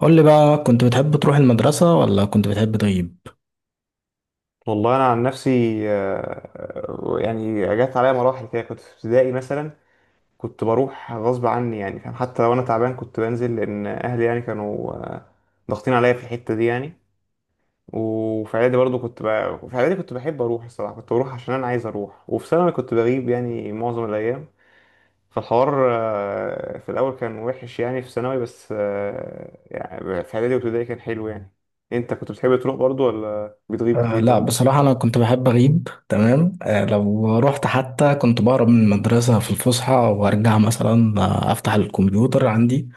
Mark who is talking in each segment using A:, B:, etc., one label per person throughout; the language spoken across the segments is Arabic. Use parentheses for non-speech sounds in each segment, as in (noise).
A: قول لي بقى، كنت بتحب تروح المدرسة ولا كنت بتحب تغيب؟
B: والله انا عن نفسي. يعني جت عليا مراحل كده، كنت في ابتدائي مثلا كنت بروح غصب عني، يعني فاهم، حتى لو انا تعبان كنت بنزل لان اهلي يعني كانوا ضاغطين عليا في الحته دي يعني. وفي اعدادي برضو كنت ب... في اعدادي كنت بحب اروح، الصراحه كنت بروح عشان انا عايز اروح، وفي ثانوي كنت بغيب يعني معظم الايام. فالحوار في الاول كان وحش يعني في ثانوي، بس يعني في اعدادي وابتدائي كان حلو يعني. انت كنت بتحب تروح برضو ولا بتغيب
A: آه
B: كتير
A: لا،
B: برضو؟
A: بصراحة أنا كنت بحب أغيب. تمام. لو رحت حتى كنت بهرب من المدرسة في الفسحة وأرجع مثلا، أفتح الكمبيوتر عندي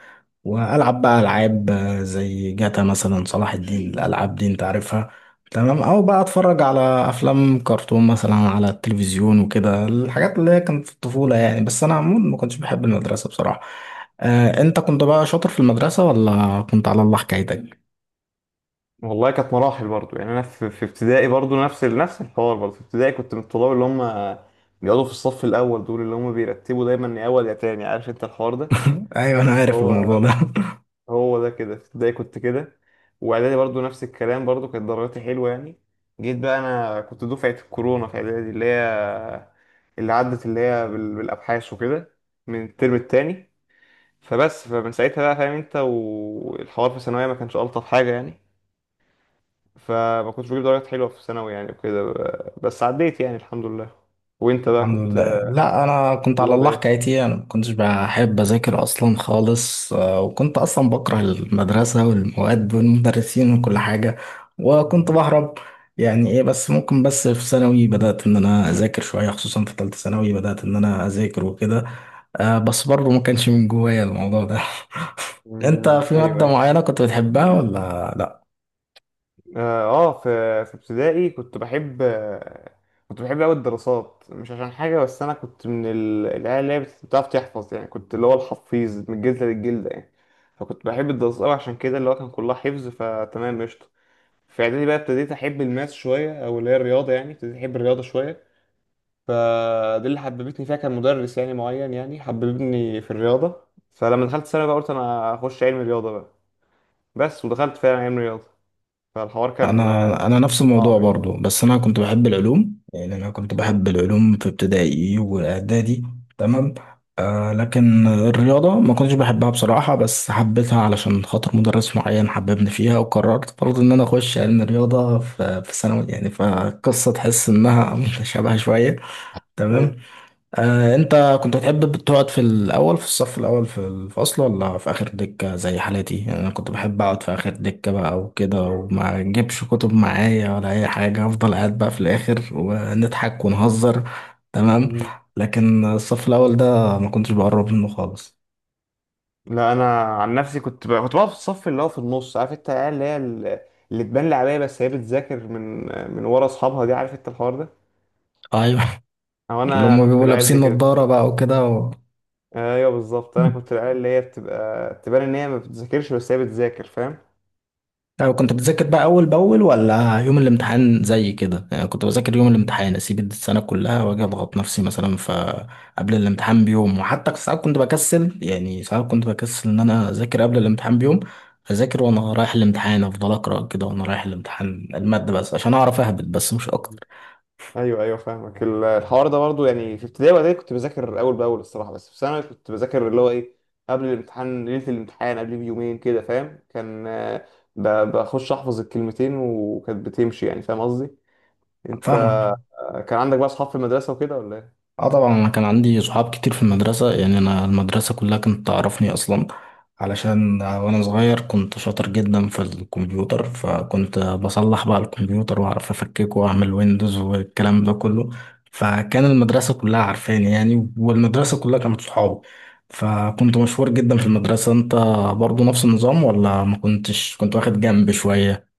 A: والعب بقى العاب، زي جاتا مثلا، صلاح الدين، الالعاب دي انت عارفها. تمام، او بقى اتفرج على افلام كرتون مثلا على التلفزيون وكده الحاجات اللي هي كانت في الطفوله يعني. بس انا عموما ما كنتش بحب المدرسه بصراحه. انت كنت بقى شاطر في المدرسه ولا كنت على الله حكايتك؟
B: والله كانت مراحل برضو، يعني انا في ابتدائي برضو نفس نفس الحوار، برضو في ابتدائي كنت من الطلاب اللي هم بيقعدوا في الصف الاول، دول اللي هم بيرتبوا دايما يا اول يا تاني، عارف انت الحوار ده.
A: (laughs) ايوه انا عارف الموضوع
B: هو
A: ده.
B: هو ده كده، في ابتدائي كنت كده، واعدادي برضو نفس الكلام، برضو كانت درجاتي حلوه يعني. جيت بقى، انا كنت دفعه الكورونا في اعدادي، اللي هي اللي عدت اللي هي بالابحاث وكده، من الترم التاني. فمن ساعتها بقى فاهم انت، والحوار في ثانويه ما كانش الطف حاجه يعني، فما كنتش بجيب درجات حلوة في ثانوي يعني وكده، بس عديت يعني الحمد لله. وانت بقى
A: الحمد لله.
B: كنت
A: لا، انا كنت على
B: طلاب
A: الله
B: ايه؟
A: حكايتي، انا ما كنتش بحب اذاكر اصلا خالص، وكنت اصلا بكره المدرسه والمواد والمدرسين وكل حاجه. وكنت بهرب. يعني ايه؟ بس ممكن بس في ثانوي بدات ان انا اذاكر شويه، خصوصا في ثالثه ثانوي بدات ان انا اذاكر وكده. بس برضه ما كانش من جوايا الموضوع ده. (laughs) انت في
B: ايوه
A: ماده
B: ايوه.
A: معينه كنت بتحبها ولا لا؟
B: اه آه، في في ابتدائي كنت بحب، كنت بحب قوي الدراسات، مش عشان حاجه، بس انا كنت من العيال اللي هي بتعرف تحفظ، يعني كنت اللي هو الحفيظ من الجلده للجلده يعني. فكنت بحب الدراسات قوي عشان كده اللي هو كان كلها حفظ، فتمام قشطه. في اعدادي بقى ابتديت احب الماس شويه، او اللي هي الرياضه، يعني ابتديت احب الرياضه شويه، فدي اللي حببتني فيها كان مدرس يعني معين، يعني حببني في الرياضة. فلما دخلت ثانوي بقى قلت انا هخش علم رياضة بقى، بس ودخلت فعلا علم رياضة. فالحوار كان
A: انا نفس الموضوع
B: صعب يعني.
A: برضو، بس انا كنت بحب العلوم، يعني انا كنت
B: مم.
A: بحب العلوم في ابتدائي واعدادي. تمام. لكن الرياضه ما كنتش بحبها بصراحه، بس حبيتها علشان خاطر مدرس معين حببني فيها، وقررت برضو ان انا اخش علم الرياضه في ثانوي يعني. فالقصه تحس انها (laughs) متشابهه شويه. تمام.
B: أيوة.
A: انت كنت بتحب تقعد في الاول في الصف الاول في الفصل، ولا في اخر دكة زي حالتي؟ انا كنت بحب اقعد في اخر دكة بقى وكده، وما اجيبش كتب معايا ولا اي حاجة، افضل قاعد بقى في الاخر ونضحك ونهزر. تمام.
B: مم.
A: لكن الصف الاول ده ما كنتش بقرب منه خالص.
B: لا انا عن نفسي كنت بقى، كنت بقى في الصف اللي هو في النص، عارف انت العيال اللي هي اللي تبان لعبية بس هي بتذاكر من ورا اصحابها دي، عارف انت الحوار ده؟
A: ايوه،
B: او
A: اللي
B: انا
A: هم
B: كنت
A: بيبقوا
B: العيال دي
A: لابسين
B: كده.
A: نظارة بقى وكده
B: ايوه بالظبط، انا كنت
A: (laughs)
B: العيال اللي هي بتبقى تبان ان هي ما بتذاكرش بس هي بتذاكر، فاهم.
A: يعني كنت بتذاكر بقى أول بأول، ولا يوم الامتحان زي كده؟ يعني كنت بذاكر يوم الامتحان، أسيب السنة كلها وأجي أضغط نفسي مثلا فقبل الامتحان بيوم. وحتى ساعات كنت بكسل، يعني ساعات كنت بكسل إن أنا أذاكر قبل الامتحان بيوم. أذاكر وأنا رايح الامتحان، أفضل أقرأ كده وأنا رايح الامتحان المادة بس عشان أعرف أهبط بس، مش أكتر.
B: ايوه ايوه فاهمك، الحوار ده برضه. يعني في ابتدائي واعدادي كنت بذاكر اول باول الصراحه، بس في ثانوي كنت بذاكر اللي هو ايه، قبل الامتحان، ليله الامتحان، قبل بيومين كده فاهم، كان بخش احفظ الكلمتين وكانت بتمشي، يعني فاهم قصدي. انت
A: فاهمك.
B: كان عندك بقى اصحاب في المدرسه وكده ولا
A: اه طبعا، انا كان عندي صحاب كتير في المدرسة، يعني انا المدرسة كلها كانت تعرفني اصلا، علشان وانا صغير كنت شاطر جدا في الكمبيوتر، فكنت بصلح بقى الكمبيوتر واعرف افككه واعمل ويندوز والكلام ده كله. فكان المدرسة كلها عارفاني يعني، والمدرسة كلها كانت صحابي. فكنت
B: ايه؟
A: مشهور جدا في المدرسة. انت برضو نفس النظام، ولا ما كنتش كنت واخد جنب شوية؟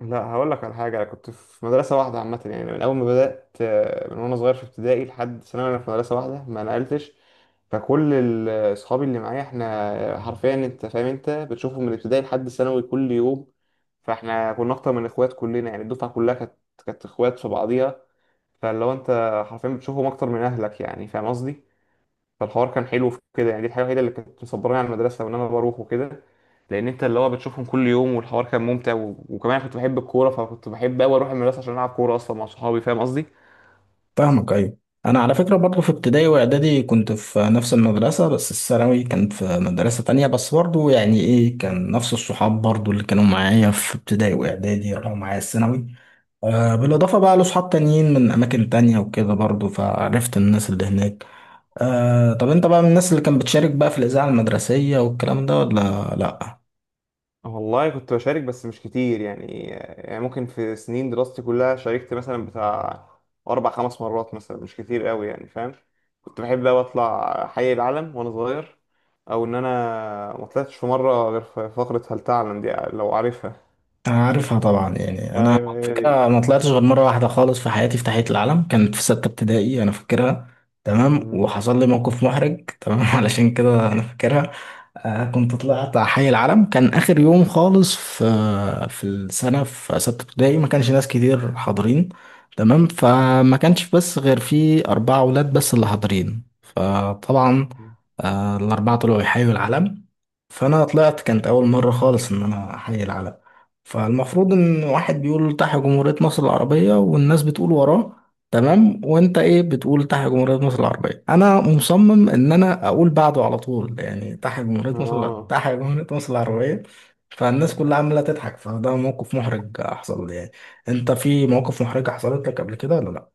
B: لا هقول لك على حاجة، أنا كنت في مدرسة واحدة عامة يعني، من أول ما بدأت من وأنا صغير في ابتدائي لحد ثانوي أنا في مدرسة واحدة، ما نقلتش. فكل أصحابي اللي معايا إحنا حرفيا، أنت فاهم، أنت بتشوفهم من ابتدائي لحد ثانوي كل يوم. فإحنا كنا أكتر من إخوات كلنا، يعني الدفعة كلها كانت إخوات في بعضيها. فاللي هو أنت حرفيا بتشوفهم أكتر من أهلك، يعني فاهم قصدي؟ فالحوار كان حلو في كده يعني، دي الحاجه الوحيده اللي كانت مصبراني على المدرسه وان انا بروح وكده، لان انت اللي هو بتشوفهم كل يوم، والحوار كان ممتع و... وكمان كنت بحب الكوره، فكنت بحب قوي اروح المدرسه عشان العب كوره اصلا مع صحابي، فاهم قصدي.
A: فاهمك. ايوه، انا على فكره برضه في ابتدائي واعدادي كنت في نفس المدرسه، بس الثانوي كان في مدرسه تانية، بس برضه يعني ايه كان نفس الصحاب برضه، اللي كانوا معايا في ابتدائي واعدادي راحوا معايا الثانوي.
B: مم.
A: بالاضافه بقى لصحاب تانيين من اماكن تانية وكده برضه، فعرفت الناس اللي هناك. طب انت بقى من الناس اللي كانت بتشارك بقى في الاذاعه المدرسيه والكلام ده، ولا لا؟
B: والله كنت بشارك بس مش كتير يعني، يعني ممكن في سنين دراستي كلها شاركت مثلا بتاع أربع خمس مرات مثلا، مش كتير قوي يعني فاهم. كنت بحب أوي أطلع حي العلم وأنا صغير، أو إن أنا ما طلعتش في مرة غير في فقرة هل تعلم دي، لو عارفها.
A: عارفها طبعا. يعني انا
B: ايوه
A: على
B: هي دي.
A: فكره ما طلعتش غير مره واحده خالص في حياتي في تحيه العلم، كانت في سته ابتدائي انا فاكرها. تمام،
B: مم.
A: وحصل لي موقف محرج. تمام (laughs) علشان كده انا فاكرها. كنت طلعت على حي العلم، كان اخر يوم خالص في في السنه في سته ابتدائي، ما كانش ناس كتير حاضرين. تمام، فما كانش بس غير في اربعه اولاد بس اللي حاضرين. آه طبعا. الاربعه طلعوا يحيوا العلم. فانا طلعت، كانت اول مره خالص ان انا احيي العلم. فالمفروض ان واحد بيقول تحيا جمهوريه مصر العربيه والناس بتقول وراه. تمام، وانت ايه بتقول تحيا جمهوريه مصر العربيه، انا مصمم ان انا اقول بعده على طول، يعني تحيا جمهوريه مصر
B: اه
A: تحيا جمهوريه مصر العربيه. فالناس كلها عماله تضحك، فده موقف محرج حصل لي يعني. انت في مواقف محرجه حصلت لك قبل كده، ولا لا؟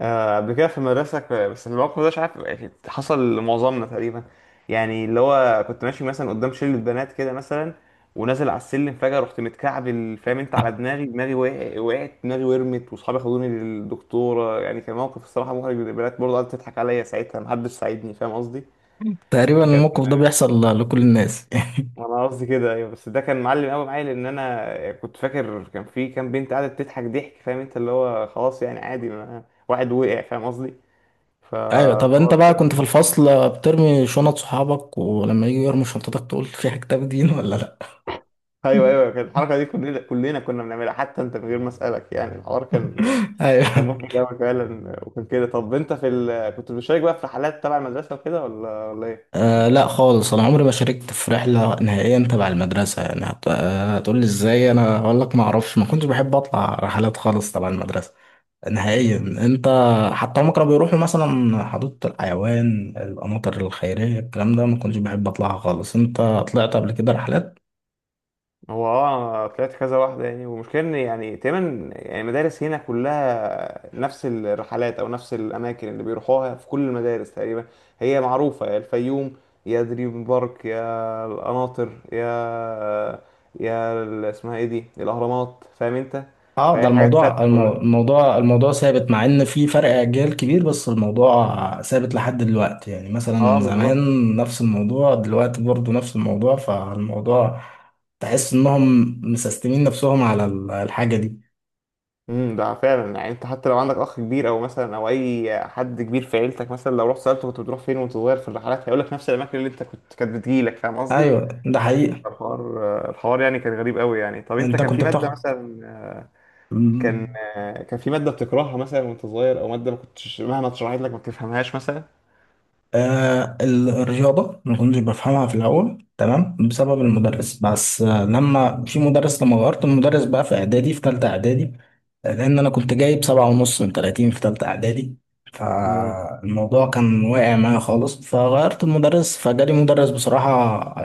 B: قبل كده في المدرسة بس الموقف ده مش عارف، يعني حصل لمعظمنا تقريبا. يعني اللي هو كنت ماشي مثلا قدام شلة بنات كده مثلا، ونازل على السلم فجأة رحت متكعبل، فاهم انت، على دماغي دماغي وقعت دماغي ورمت، واصحابي خدوني للدكتورة، يعني كان موقف الصراحة محرج، البنات برضه قعدت تضحك عليا ساعتها، محدش ساعدني، فاهم قصدي؟
A: تقريبا
B: كان
A: الموقف ده بيحصل لكل الناس. (laughs)
B: (laughs) انا قصدي كده ايوه، بس ده كان معلم قوي معايا، لان انا كنت فاكر كان في كام بنت قاعدة بتضحك ضحك، فاهم انت، اللي هو خلاص يعني عادي، ما واحد وقع، فاهم قصدي؟
A: ايوه. طب انت
B: فالحوار
A: بقى كنت في
B: كان
A: الفصل بترمي شنط صحابك، ولما يجوا يرموا شنطتك تقول (laughs) في كتاب دين ولا لا؟
B: ايوه ايوه. كانت الحركه دي كلنا، كلنا كنا بنعملها حتى انت من غير ما اسالك، يعني الحوار كان
A: (laughs)
B: كان
A: ايوه.
B: مضحك قوي فعلا، وكان كده. طب انت في ال... كنت بتشارك بقى في رحلات تبع المدرسه وكده ولا ولا ايه؟
A: آه لا خالص، انا عمري ما شاركت في رحله نهائيا تبع المدرسه يعني. هت... آه هتقول لي ازاي؟ انا اقول لك ما اعرفش، ما كنتش بحب اطلع رحلات خالص تبع المدرسه نهائيا. انت حتى هم كانوا بيروحوا مثلا حديقه الحيوان، القناطر الخيريه، الكلام ده ما كنتش بحب اطلعها خالص. انت طلعت قبل كده رحلات؟
B: هو اه طلعت كذا واحدة يعني، والمشكلة ان يعني تقريبا يعني مدارس هنا كلها نفس الرحلات او نفس الاماكن اللي بيروحوها في كل المدارس تقريبا. هي معروفة، يا الفيوم، يا دريم بارك، يا القناطر، يا اسمها ايه دي، الاهرامات، فاهم انت.
A: اه ده
B: فهي حاجات
A: الموضوع
B: ثابتة كلها.
A: الموضوع الموضوع ثابت، مع ان في فرق اجيال كبير بس الموضوع ثابت لحد دلوقتي، يعني
B: اه
A: مثلا
B: بالظبط.
A: زمان نفس الموضوع، دلوقتي برضو نفس الموضوع. فالموضوع تحس انهم مسستمين نفسهم على الحاجة دي.
B: ده فعلا، يعني انت حتى لو عندك اخ كبير او مثلا او اي حد كبير في عيلتك مثلا، لو رحت سالته كنت بتروح فين وانت صغير في الرحلات، هيقول لك نفس الاماكن اللي انت كنت كانت بتجيلك، فاهم قصدي.
A: ايوه ده حقيقة.
B: الحوار يعني كان غريب قوي يعني. طب انت
A: انت
B: كان في
A: كنت
B: ماده مثلا،
A: بتاخد؟
B: كان كان في ماده بتكرهها مثلا وانت صغير، او ماده ما كنتش مهما اتشرحت لك ما بتفهمهاش مثلا.
A: آه الرياضة ما كنتش بفهمها في الأول تمام، بسبب المدرس بس. لما غيرت المدرس بقى في إعدادي في تالتة إعدادي، لأن أنا كنت جايب 7.5 من 30 في تالتة إعدادي،
B: امم
A: فالموضوع كان واقع معايا خالص، فغيرت المدرس، فجالي مدرس بصراحة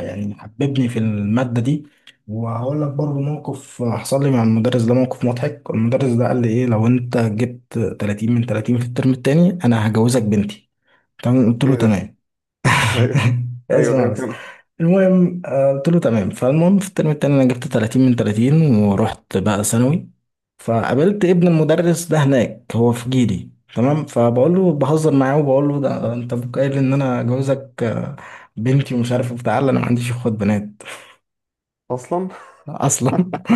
A: يعني حببني في المادة دي. وهقول لك برضه موقف حصل لي مع المدرس ده، موقف مضحك. المدرس ده قال لي إيه، لو أنت جبت 30 من 30 في الترم التاني أنا هجوزك بنتي. تمام، قلت له
B: ايه ده.
A: تمام.
B: ايوه
A: (laughs)
B: ايوه ايوه
A: اسمع بس،
B: كان
A: المهم قلت له تمام. فالمهم في الترم التاني انا جبت 30 من 30 ورحت بقى ثانوي، فقابلت ابن المدرس ده هناك هو في جيلي. تمام، فبقول له بهزر معاه، وبقول له ده انت أبوك قايل ان انا جوزك بنتي ومش عارف إيه بتاع. لا، انا ما عنديش اخوات بنات
B: اصلا.
A: (laughs) اصلا (laughs)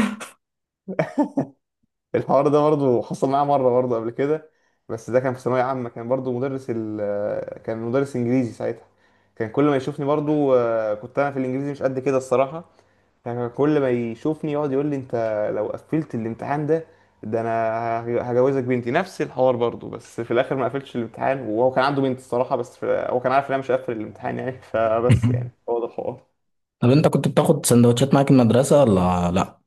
B: الحوار ده برضه حصل معايا مره برضه قبل كده، بس ده كان في ثانويه عامه، كان برضه مدرس ال، كان مدرس انجليزي ساعتها، كان كل ما يشوفني برضه، كنت انا في الانجليزي مش قد كده الصراحه، يعني كل ما يشوفني يقعد يقول لي انت لو قفلت الامتحان ده، ده انا هجوزك بنتي، نفس الحوار برضو، بس في الاخر ما قفلتش الامتحان، وهو كان عنده بنت الصراحه، بس في... هو كان عارف ان انا مش هقفل الامتحان يعني (laughs) فبس يعني هو ده الحوار.
A: طب انت كنت بتاخد سندوتشات معاك المدرسه ولا لا؟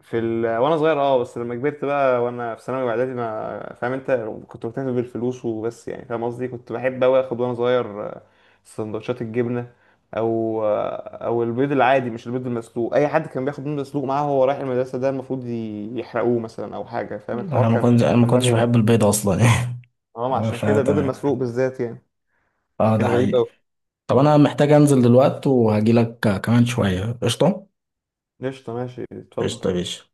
B: في ال... وانا صغير اه، بس لما كبرت بقى وانا في ثانوي واعدادي ما فاهم انت، كنت مكتفي بالفلوس وبس، يعني فاهم قصدي. كنت بحب اوي اخد وانا صغير سندوتشات الجبنه، او او البيض العادي، مش البيض المسلوق، اي حد كان بياخد بيض مسلوق معاه وهو رايح المدرسه ده المفروض يحرقوه مثلا او حاجه، فاهم الحوار
A: انا ما
B: كان
A: كنتش انا ما
B: كان
A: كنتش
B: بشع
A: بحب
B: يعني.
A: البيض اصلا (laughs)
B: اه عشان كده البيض
A: فتمام.
B: المسلوق بالذات يعني
A: اه ده
B: كان غريب
A: حقيقي.
B: اوي.
A: طب
B: مم.
A: انا محتاج انزل دلوقتي، وهجيلك كمان شوية قشطة.
B: قشطه ماشي اتفضل.
A: قشطة يا باشا.